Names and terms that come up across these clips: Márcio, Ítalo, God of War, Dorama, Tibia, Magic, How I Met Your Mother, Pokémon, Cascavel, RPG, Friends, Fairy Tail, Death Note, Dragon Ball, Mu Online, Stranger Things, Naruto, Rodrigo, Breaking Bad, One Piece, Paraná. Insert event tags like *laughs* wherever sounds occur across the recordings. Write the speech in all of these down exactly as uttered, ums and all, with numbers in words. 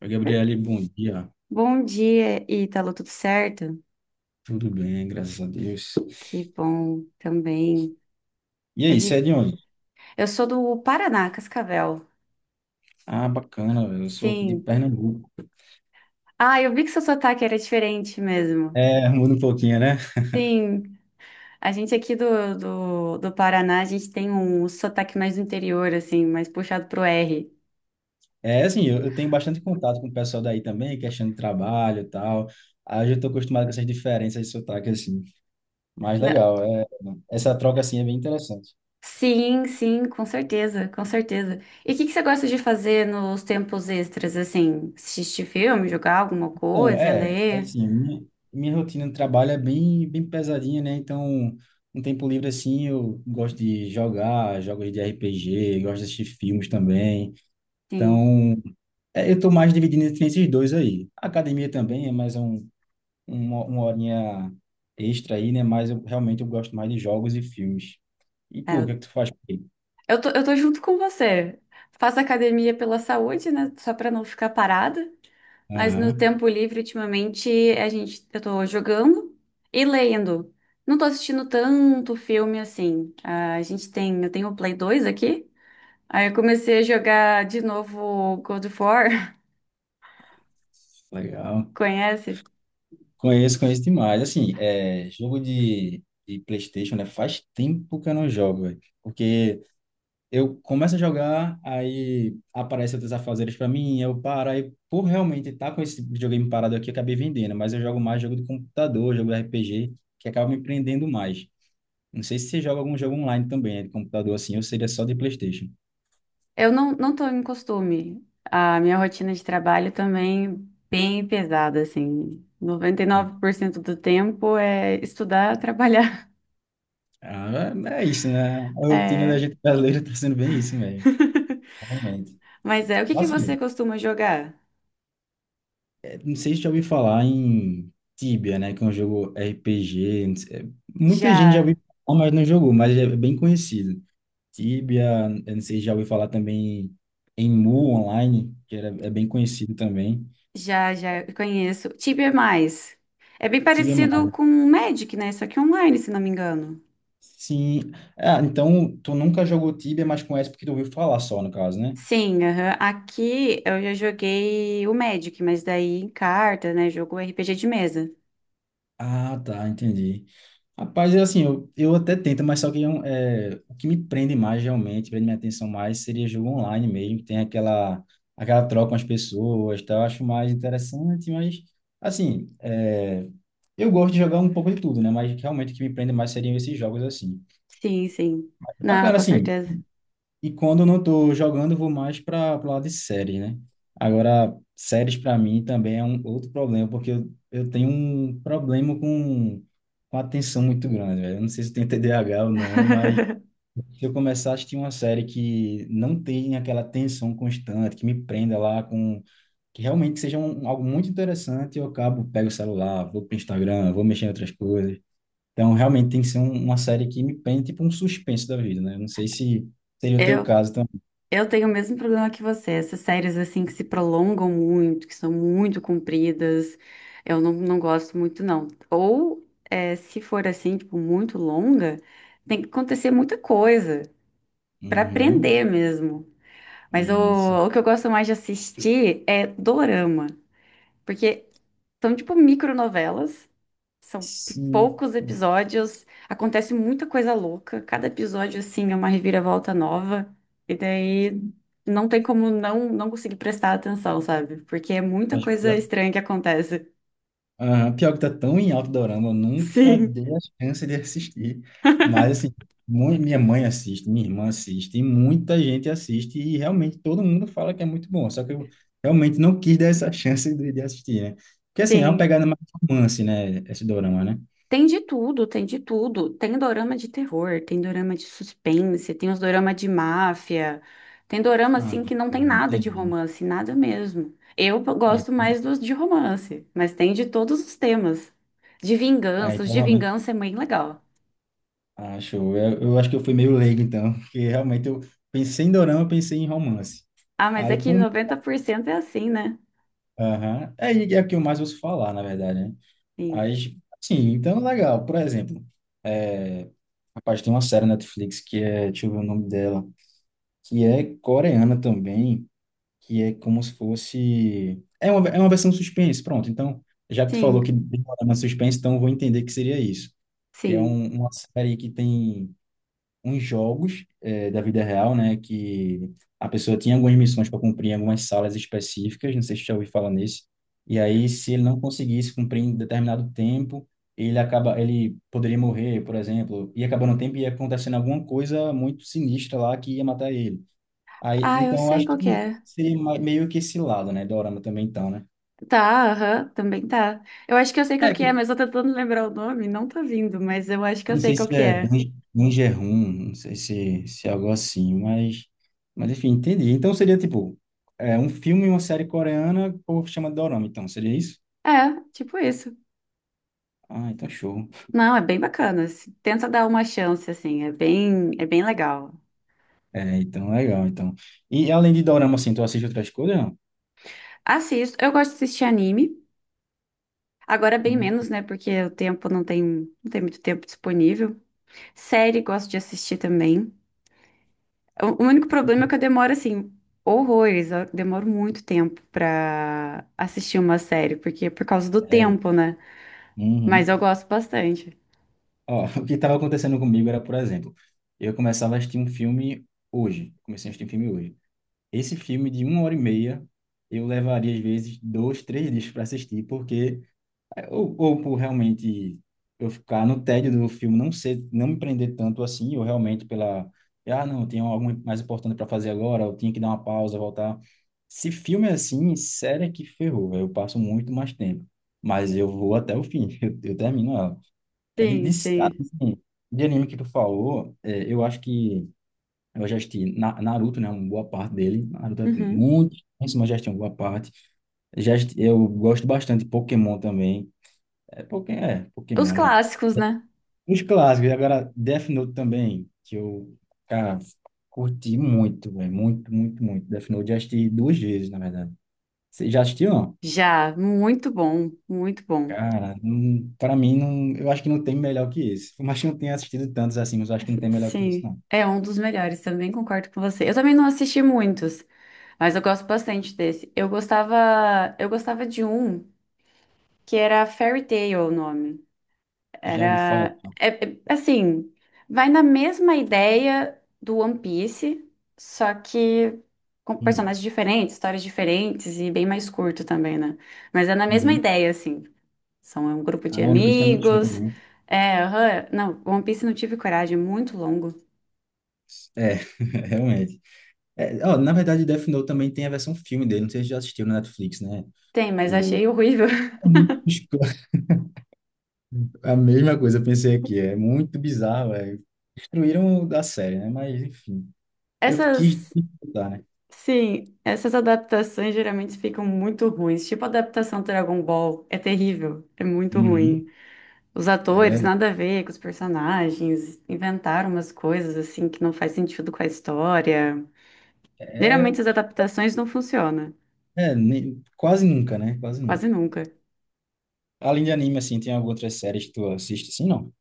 Oi, Gabriele, bom dia. Bom dia, Ítalo, tudo certo? Tudo bem, graças a Deus. Que bom também. E Eu aí, você é vi. de onde? Eu sou do Paraná, Cascavel. Ah, bacana, velho. Eu sou aqui de Sim. Pernambuco. Ah, eu vi que seu sotaque era diferente mesmo. É, muda um pouquinho, né? Sim, a gente aqui do, do, do Paraná, a gente tem um sotaque mais do interior, assim, mais puxado pro R. É, assim, eu, eu tenho bastante contato com o pessoal daí também, questão de trabalho e tal. Aí eu já estou acostumado com essas diferenças de sotaque, assim. Mas Na- legal, é, essa troca, assim, é bem interessante. Sim, sim, com certeza, com certeza. E o que que você gosta de fazer nos tempos extras, assim? Assistir filme, jogar alguma Bom, coisa, é, ler? assim, minha, minha rotina de trabalho é bem, bem pesadinha, né? Então, um tempo livre, assim, eu gosto de jogar jogos de R P G, gosto de assistir filmes também. Sim. Então, é, eu estou mais dividindo entre esses dois aí. A academia também é mais um, uma, uma horinha extra aí, né? Mas eu realmente eu gosto mais de jogos e filmes. E tu, o que é que tu faz por aí? Eu tô, eu tô junto com você. Faço academia pela saúde, né? Só pra não ficar parada. Mas no Aham, tempo livre, ultimamente, a gente, eu tô jogando e lendo. Não tô assistindo tanto filme assim. Ah, a gente tem, eu tenho o Play dois aqui. Aí eu comecei a jogar de novo God of War. legal. *laughs* Conhece? Conheço, conheço demais. Assim, é, jogo de, de PlayStation, né? Faz tempo que eu não jogo, velho. Porque eu começo a jogar, aí aparece outros afazeres para mim, eu paro, aí por realmente estar com esse videogame parado aqui, eu acabei vendendo, mas eu jogo mais jogo de computador, jogo de R P G, que acaba me prendendo mais. Não sei se você joga algum jogo online também, né, de computador assim, ou seria só de PlayStation. Eu não, não tô em costume. A minha rotina de trabalho também bem pesada, assim. Noventa e Hum. nove por cento do tempo é estudar, trabalhar. Ah, é é isso, né? A rotina da *laughs* gente brasileira tá sendo bem isso, velho. *laughs* Realmente. Mas é, o que que Mas você assim, costuma jogar? é, não sei se já ouviu falar em Tibia, né? Que é um jogo R P G. Não sei- é, Muita gente já Já, ouviu falar, mas não jogou, mas é bem conhecido. Tibia, eu não sei se já ouviu falar também em Mu Online, que era, é bem conhecido também. já, já conheço. Tibia é mais. É bem Tibia é mais, parecido né? com o Magic, né? Só que online, se não me engano. Sim. Ah, então tu nunca jogou Tibia, mas conhece porque tu ouviu falar só, no caso, né? Sim, aham. Aqui eu já joguei o Magic, mas daí em carta, né? Jogo R P G de mesa. Ah, tá, entendi. Rapaz, é assim, eu, eu até tento, mas só que é um- é, o que me prende mais realmente, prende minha atenção mais, seria jogo online mesmo, tem aquela, aquela troca com as pessoas, tá? Eu acho mais interessante, mas assim, é, eu gosto de jogar um pouco de tudo, né? Mas realmente o que me prende mais seriam esses jogos assim. Sim, sim. Não, Bacana, com assim, certeza. e quando eu não estou jogando, eu vou mais para o lado de séries, né? Agora, séries para mim também é um outro problema, porque eu, eu tenho um problema com, com atenção muito grande, velho. Eu não sei se tem T D A H ou não, mas *laughs* se eu começar a assistir uma série que não tem aquela atenção constante, que me prenda lá com... Que realmente seja um, algo muito interessante, eu acabo, pego o celular, vou pro Instagram, vou mexer em outras coisas. Então, realmente tem que ser um- uma série que me prenda, tipo um suspense da vida, né? Eu não sei se seria o teu Eu, caso. eu tenho o mesmo problema que você. Essas séries assim que se prolongam muito, que são muito compridas, eu não, não gosto muito, não. Ou é, se for assim, tipo, muito longa, tem que acontecer muita coisa pra Uhum, aprender mesmo. Mas isso. o, o que eu gosto mais de assistir é dorama, porque são tipo micronovelas, são p- Sim, poucos episódios, acontece muita coisa louca. Cada episódio, assim, é uma reviravolta nova. E daí não tem como não, não conseguir prestar atenção, sabe? Porque é muita acho coisa que, estranha que acontece. ah, pior que tá tão em alto Dorama, eu *laughs* nunca Sim, dei a chance de assistir. Mas, assim, mu- minha mãe assiste, minha irmã assiste, e muita gente assiste, e realmente todo mundo fala que é muito bom. Só que eu realmente não quis dar essa *laughs* chance de, de assistir, né? Porque, assim, é uma tem. pegada mais romance, né? Esse Dorama, né? Tem de tudo, tem de tudo. Tem dorama de terror, tem dorama de suspense, tem os dorama de máfia. Tem dorama, Ah, assim, que não tem nada de entendi. romance, nada mesmo. Eu p- Aí, gosto mais dos de romance, mas tem de todos os temas. De aí, vingança, os de vingança é bem legal. Ah, show. Eu, eu acho que eu fui meio leigo, então, porque realmente eu pensei em dorama, eu pensei em romance. Ah, mas é Aí, que com... noventa por cento é assim, né? Aham. Aí é o que eu mais ouço falar, na verdade, né? Sim. Aí, sim, então, legal. Por exemplo, é... rapaz, tem uma série na Netflix que é, deixa eu ver o nome dela, que é coreana também, que é como se fosse... É uma, é uma versão suspense, pronto. Então, já que tu falou que Sim, tem uma suspense, então eu vou entender que seria isso. Que é sim. um, uma série que tem uns jogos eh, da vida real, né? Que a pessoa tinha algumas missões para cumprir em algumas salas específicas, não sei se você já ouviu falar nesse. E aí, se ele não conseguisse cumprir em determinado tempo, ele acaba, ele poderia morrer, por exemplo, e acabando o tempo e ia acontecendo alguma coisa muito sinistra lá que ia matar ele. Aí, Ah, eu então, eu sei acho qual que que é. seria ma- meio que esse lado, né? Dorama também, então, né? Tá, aham, também tá. Eu acho que eu sei qual É, que é, mas eu tô tentando lembrar o nome, não tá vindo, mas eu acho que Eu eu não sei sei qual se que é é. Dan- Danger Room, não sei se, se é algo assim, mas, mas enfim, entendi. Então seria tipo, é, um filme e uma série coreana, o povo chama de dorama, então, seria isso? É, tipo isso. Ah, então show. Não, é bem bacana, assim. Tenta dar uma chance, assim, é bem, é bem legal. É, então legal, então. E além de dorama, assim, tu assiste outras coisas, não? Assisto, eu gosto de assistir anime. Agora bem Hum, menos, né? Porque o tempo não tem, não tem muito tempo disponível. Série gosto de assistir também. O, o único problema é que eu demoro, assim, horrores. Eu demoro muito tempo pra assistir uma série, porque é por causa do é tempo, né? Uhum. Mas eu gosto bastante. Ó, *laughs* o que estava acontecendo comigo era, por exemplo, eu começava a assistir um filme hoje, comecei a assistir um filme hoje. Esse filme de uma hora e meia, eu levaria às vezes dois, três dias para assistir, porque É, Ou, ou por realmente eu ficar no tédio do filme, não ser, não me prender tanto assim, ou realmente pela, ah, não, eu tenho algo mais importante para fazer agora, eu tinha que dar uma pausa, voltar. Se filme é assim, sério é que ferrou, velho, eu passo muito mais tempo. Mas eu vou até o fim, *laughs* eu, eu termino ela. É de, de, Sim, ah, sim. assim, de anime que tu falou, é, eu acho que eu já assisti Na- Naruto, né, uma boa parte dele. Naruto é Uhum. muito, mas já assisti uma boa parte. Já, assisti- eu gosto bastante de Pokémon também. É, Poké- é, Os Pokémon, né? clássicos, né? Os clássicos. E agora Death Note também, que eu, cara, curti muito, velho. Muito, muito, muito. Death Note já assisti duas vezes, na verdade. Você já assistiu, não? Já, muito bom, muito bom. Cara, não, pra mim, não, eu acho que não tem melhor que esse. Por mais que eu não tenha assistido tantos assim, mas eu acho que não tem melhor que esse, Sim, não. é um dos melhores, também concordo com você. Eu também não assisti muitos, mas eu gosto bastante desse. Eu gostava, eu gostava de um que era Fairy Tail é o nome. Já ouvi falar. Era, é- é- assim, vai na mesma ideia do One Piece, só que com Hum, personagens diferentes, histórias diferentes e bem mais curto também, né? Mas é na mesma uhum. ideia, assim. São é um grupo A de One Piece é muito show amigos. também. É, aham. Não, One Piece não tive coragem, é muito longo. É, *laughs* realmente. É, ó, na verdade, Death Note também tem a versão filme dele. Não sei se você já assistiu na Netflix, né? Tem, mas O... achei horrível. A mesma coisa, eu pensei aqui, é muito bizarro, é. Destruíram da série, né? Mas, enfim, *laughs* eu quis Essas, disputar, né? sim, essas adaptações geralmente ficam muito ruins. Tipo a adaptação do Dragon Ball, é terrível, é muito Uhum, ruim. Os é atores, verdade. nada a ver com os personagens, inventaram umas coisas assim que não faz sentido com a história. É, é, Geralmente as adaptações não funcionam, é, nem- quase nunca, né? Quase quase nunca. nunca. Além de anime, assim, tem algumas outras séries que tu assiste, assim, não?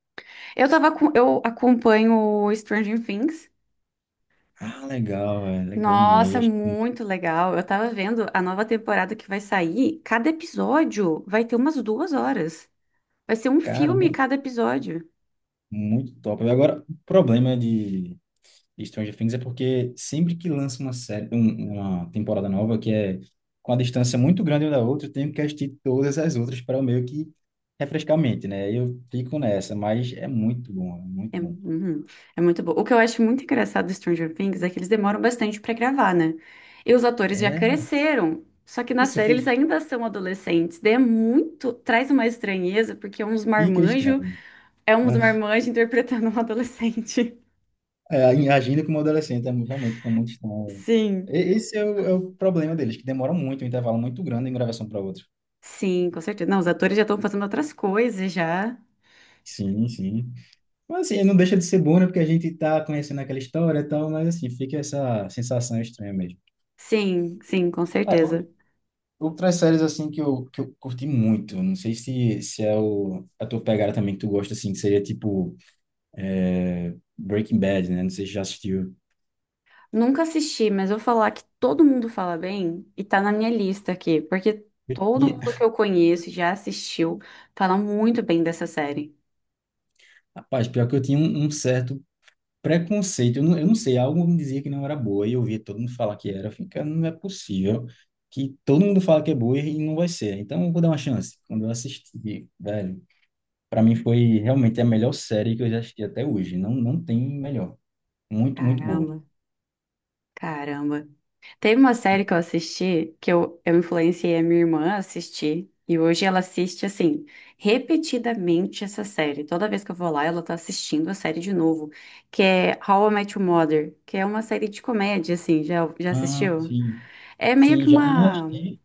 Eu tava com, eu acompanho o Stranger Things. Ah, legal, é legal Nossa, demais. muito legal. Eu tava vendo a nova temporada que vai sair. Cada episódio vai ter umas duas horas. Vai ser um filme Caramba, cada episódio. muito top. Agora, o problema de de Stranger Things é porque sempre que lança uma série, um- uma temporada nova que é com a distância muito grande uma da outra, eu tenho que assistir todas as outras para meio que refrescar a mente, né? Eu fico nessa, mas é muito bom, é É, muito bom. uhum, é muito bom. O que eu acho muito engraçado do Stranger Things é que eles demoram bastante pra gravar, né? E os atores já É cresceram. Só que na isso, série eles fica, ainda são adolescentes. Daí é muito. Traz uma estranheza, porque é uns fica marmanjo, estranho. é uns *laughs* marmanjo *laughs* interpretando um adolescente. É, agindo como adolescente, é, mu- realmente fica muito *laughs* estranho. E- Sim. Esse é o, é o problema deles, que demora muito, um intervalo muito grande em gravação para outra. Sim, com certeza. Não, os atores já estão fazendo outras coisas já. Sim, sim. Mas assim, não deixa de ser bom, né? Porque a gente tá conhecendo aquela história e tal, mas assim, fica essa sensação estranha mesmo. Sim, sim, com É, certeza. ou- outras séries assim que eu, que eu curti muito, não sei se, se é o, a tua pegada também que tu gosta, assim, que seria tipo é, Breaking Bad, né? Não sei se já assistiu. Nunca assisti, mas vou falar que todo mundo fala bem e tá na minha lista aqui, porque Eu todo tinha, mundo que eu conheço e já assistiu fala muito bem dessa série. *laughs* rapaz, pior que eu tinha um, um certo preconceito, eu não, eu não sei, algo me dizia que não era boa, e eu via todo mundo falar que era, fica, não é possível que todo mundo fala que é boa e não vai ser, então eu vou dar uma chance. Quando eu assisti, velho, pra mim foi realmente a melhor série que eu já assisti até hoje, não, não tem melhor, muito, muito boa. Caramba, caramba. Teve uma série que eu assisti que eu, eu influenciei a minha irmã a assistir e hoje ela assiste assim, repetidamente essa série. Toda vez que eu vou lá, ela tá assistindo a série de novo, que é How I Met Your Mother, que é uma série de comédia assim, já já Ah, assistiu? sim. É meio Sim, que já não uma assisti,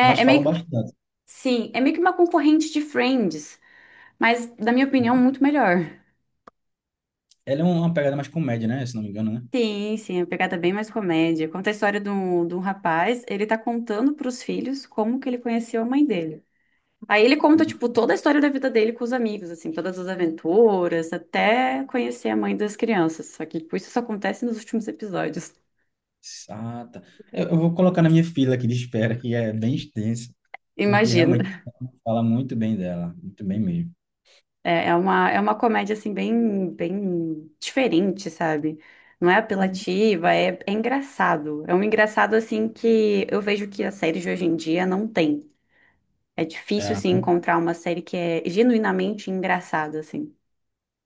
mas é falam meio que bastante. Sim, é meio que uma concorrente de Friends, mas, na minha opinião, muito melhor. Ela é uma pegada mais comédia, né? Se não me engano, né? Sim, sim, a pegada é bem mais comédia. Conta a história de um, de um rapaz, ele tá contando pros filhos como que ele conheceu a mãe dele. Aí ele conta, Hum, tipo, toda a história da vida dele com os amigos, assim, todas as aventuras, até conhecer a mãe das crianças. Só que, tipo, isso só acontece nos últimos episódios. ah, tá. Eu, eu vou colocar na minha fila aqui de espera, que é bem extensa, porque Imagina. realmente fala muito bem dela, muito bem mesmo. É, é uma, é uma comédia, assim, bem, bem diferente, sabe? Não é Hum. apelativa, é, é engraçado. É um engraçado, assim, que eu vejo que as séries de hoje em dia não tem. É difícil, É, assim, encontrar uma série que é genuinamente engraçada, assim.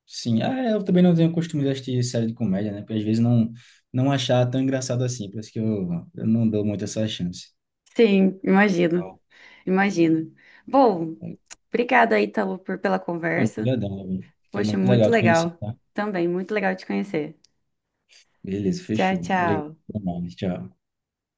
sim, ah, é, eu também não tenho costume de assistir série de comédia, né? Porque às vezes não, não achar tão engraçado assim, por isso que eu, eu não dou muito essa chance. Sim, imagino, Ó, imagino. Bom, é, obrigada, Ítalo, por, pela conversa. Obrigadão, Davi. Foi Poxa, muito muito legal te conhecer, legal. tá? Também, muito legal te conhecer. Beleza, Tchau, fechou. Obrigado. tchau. Até mais, tchau.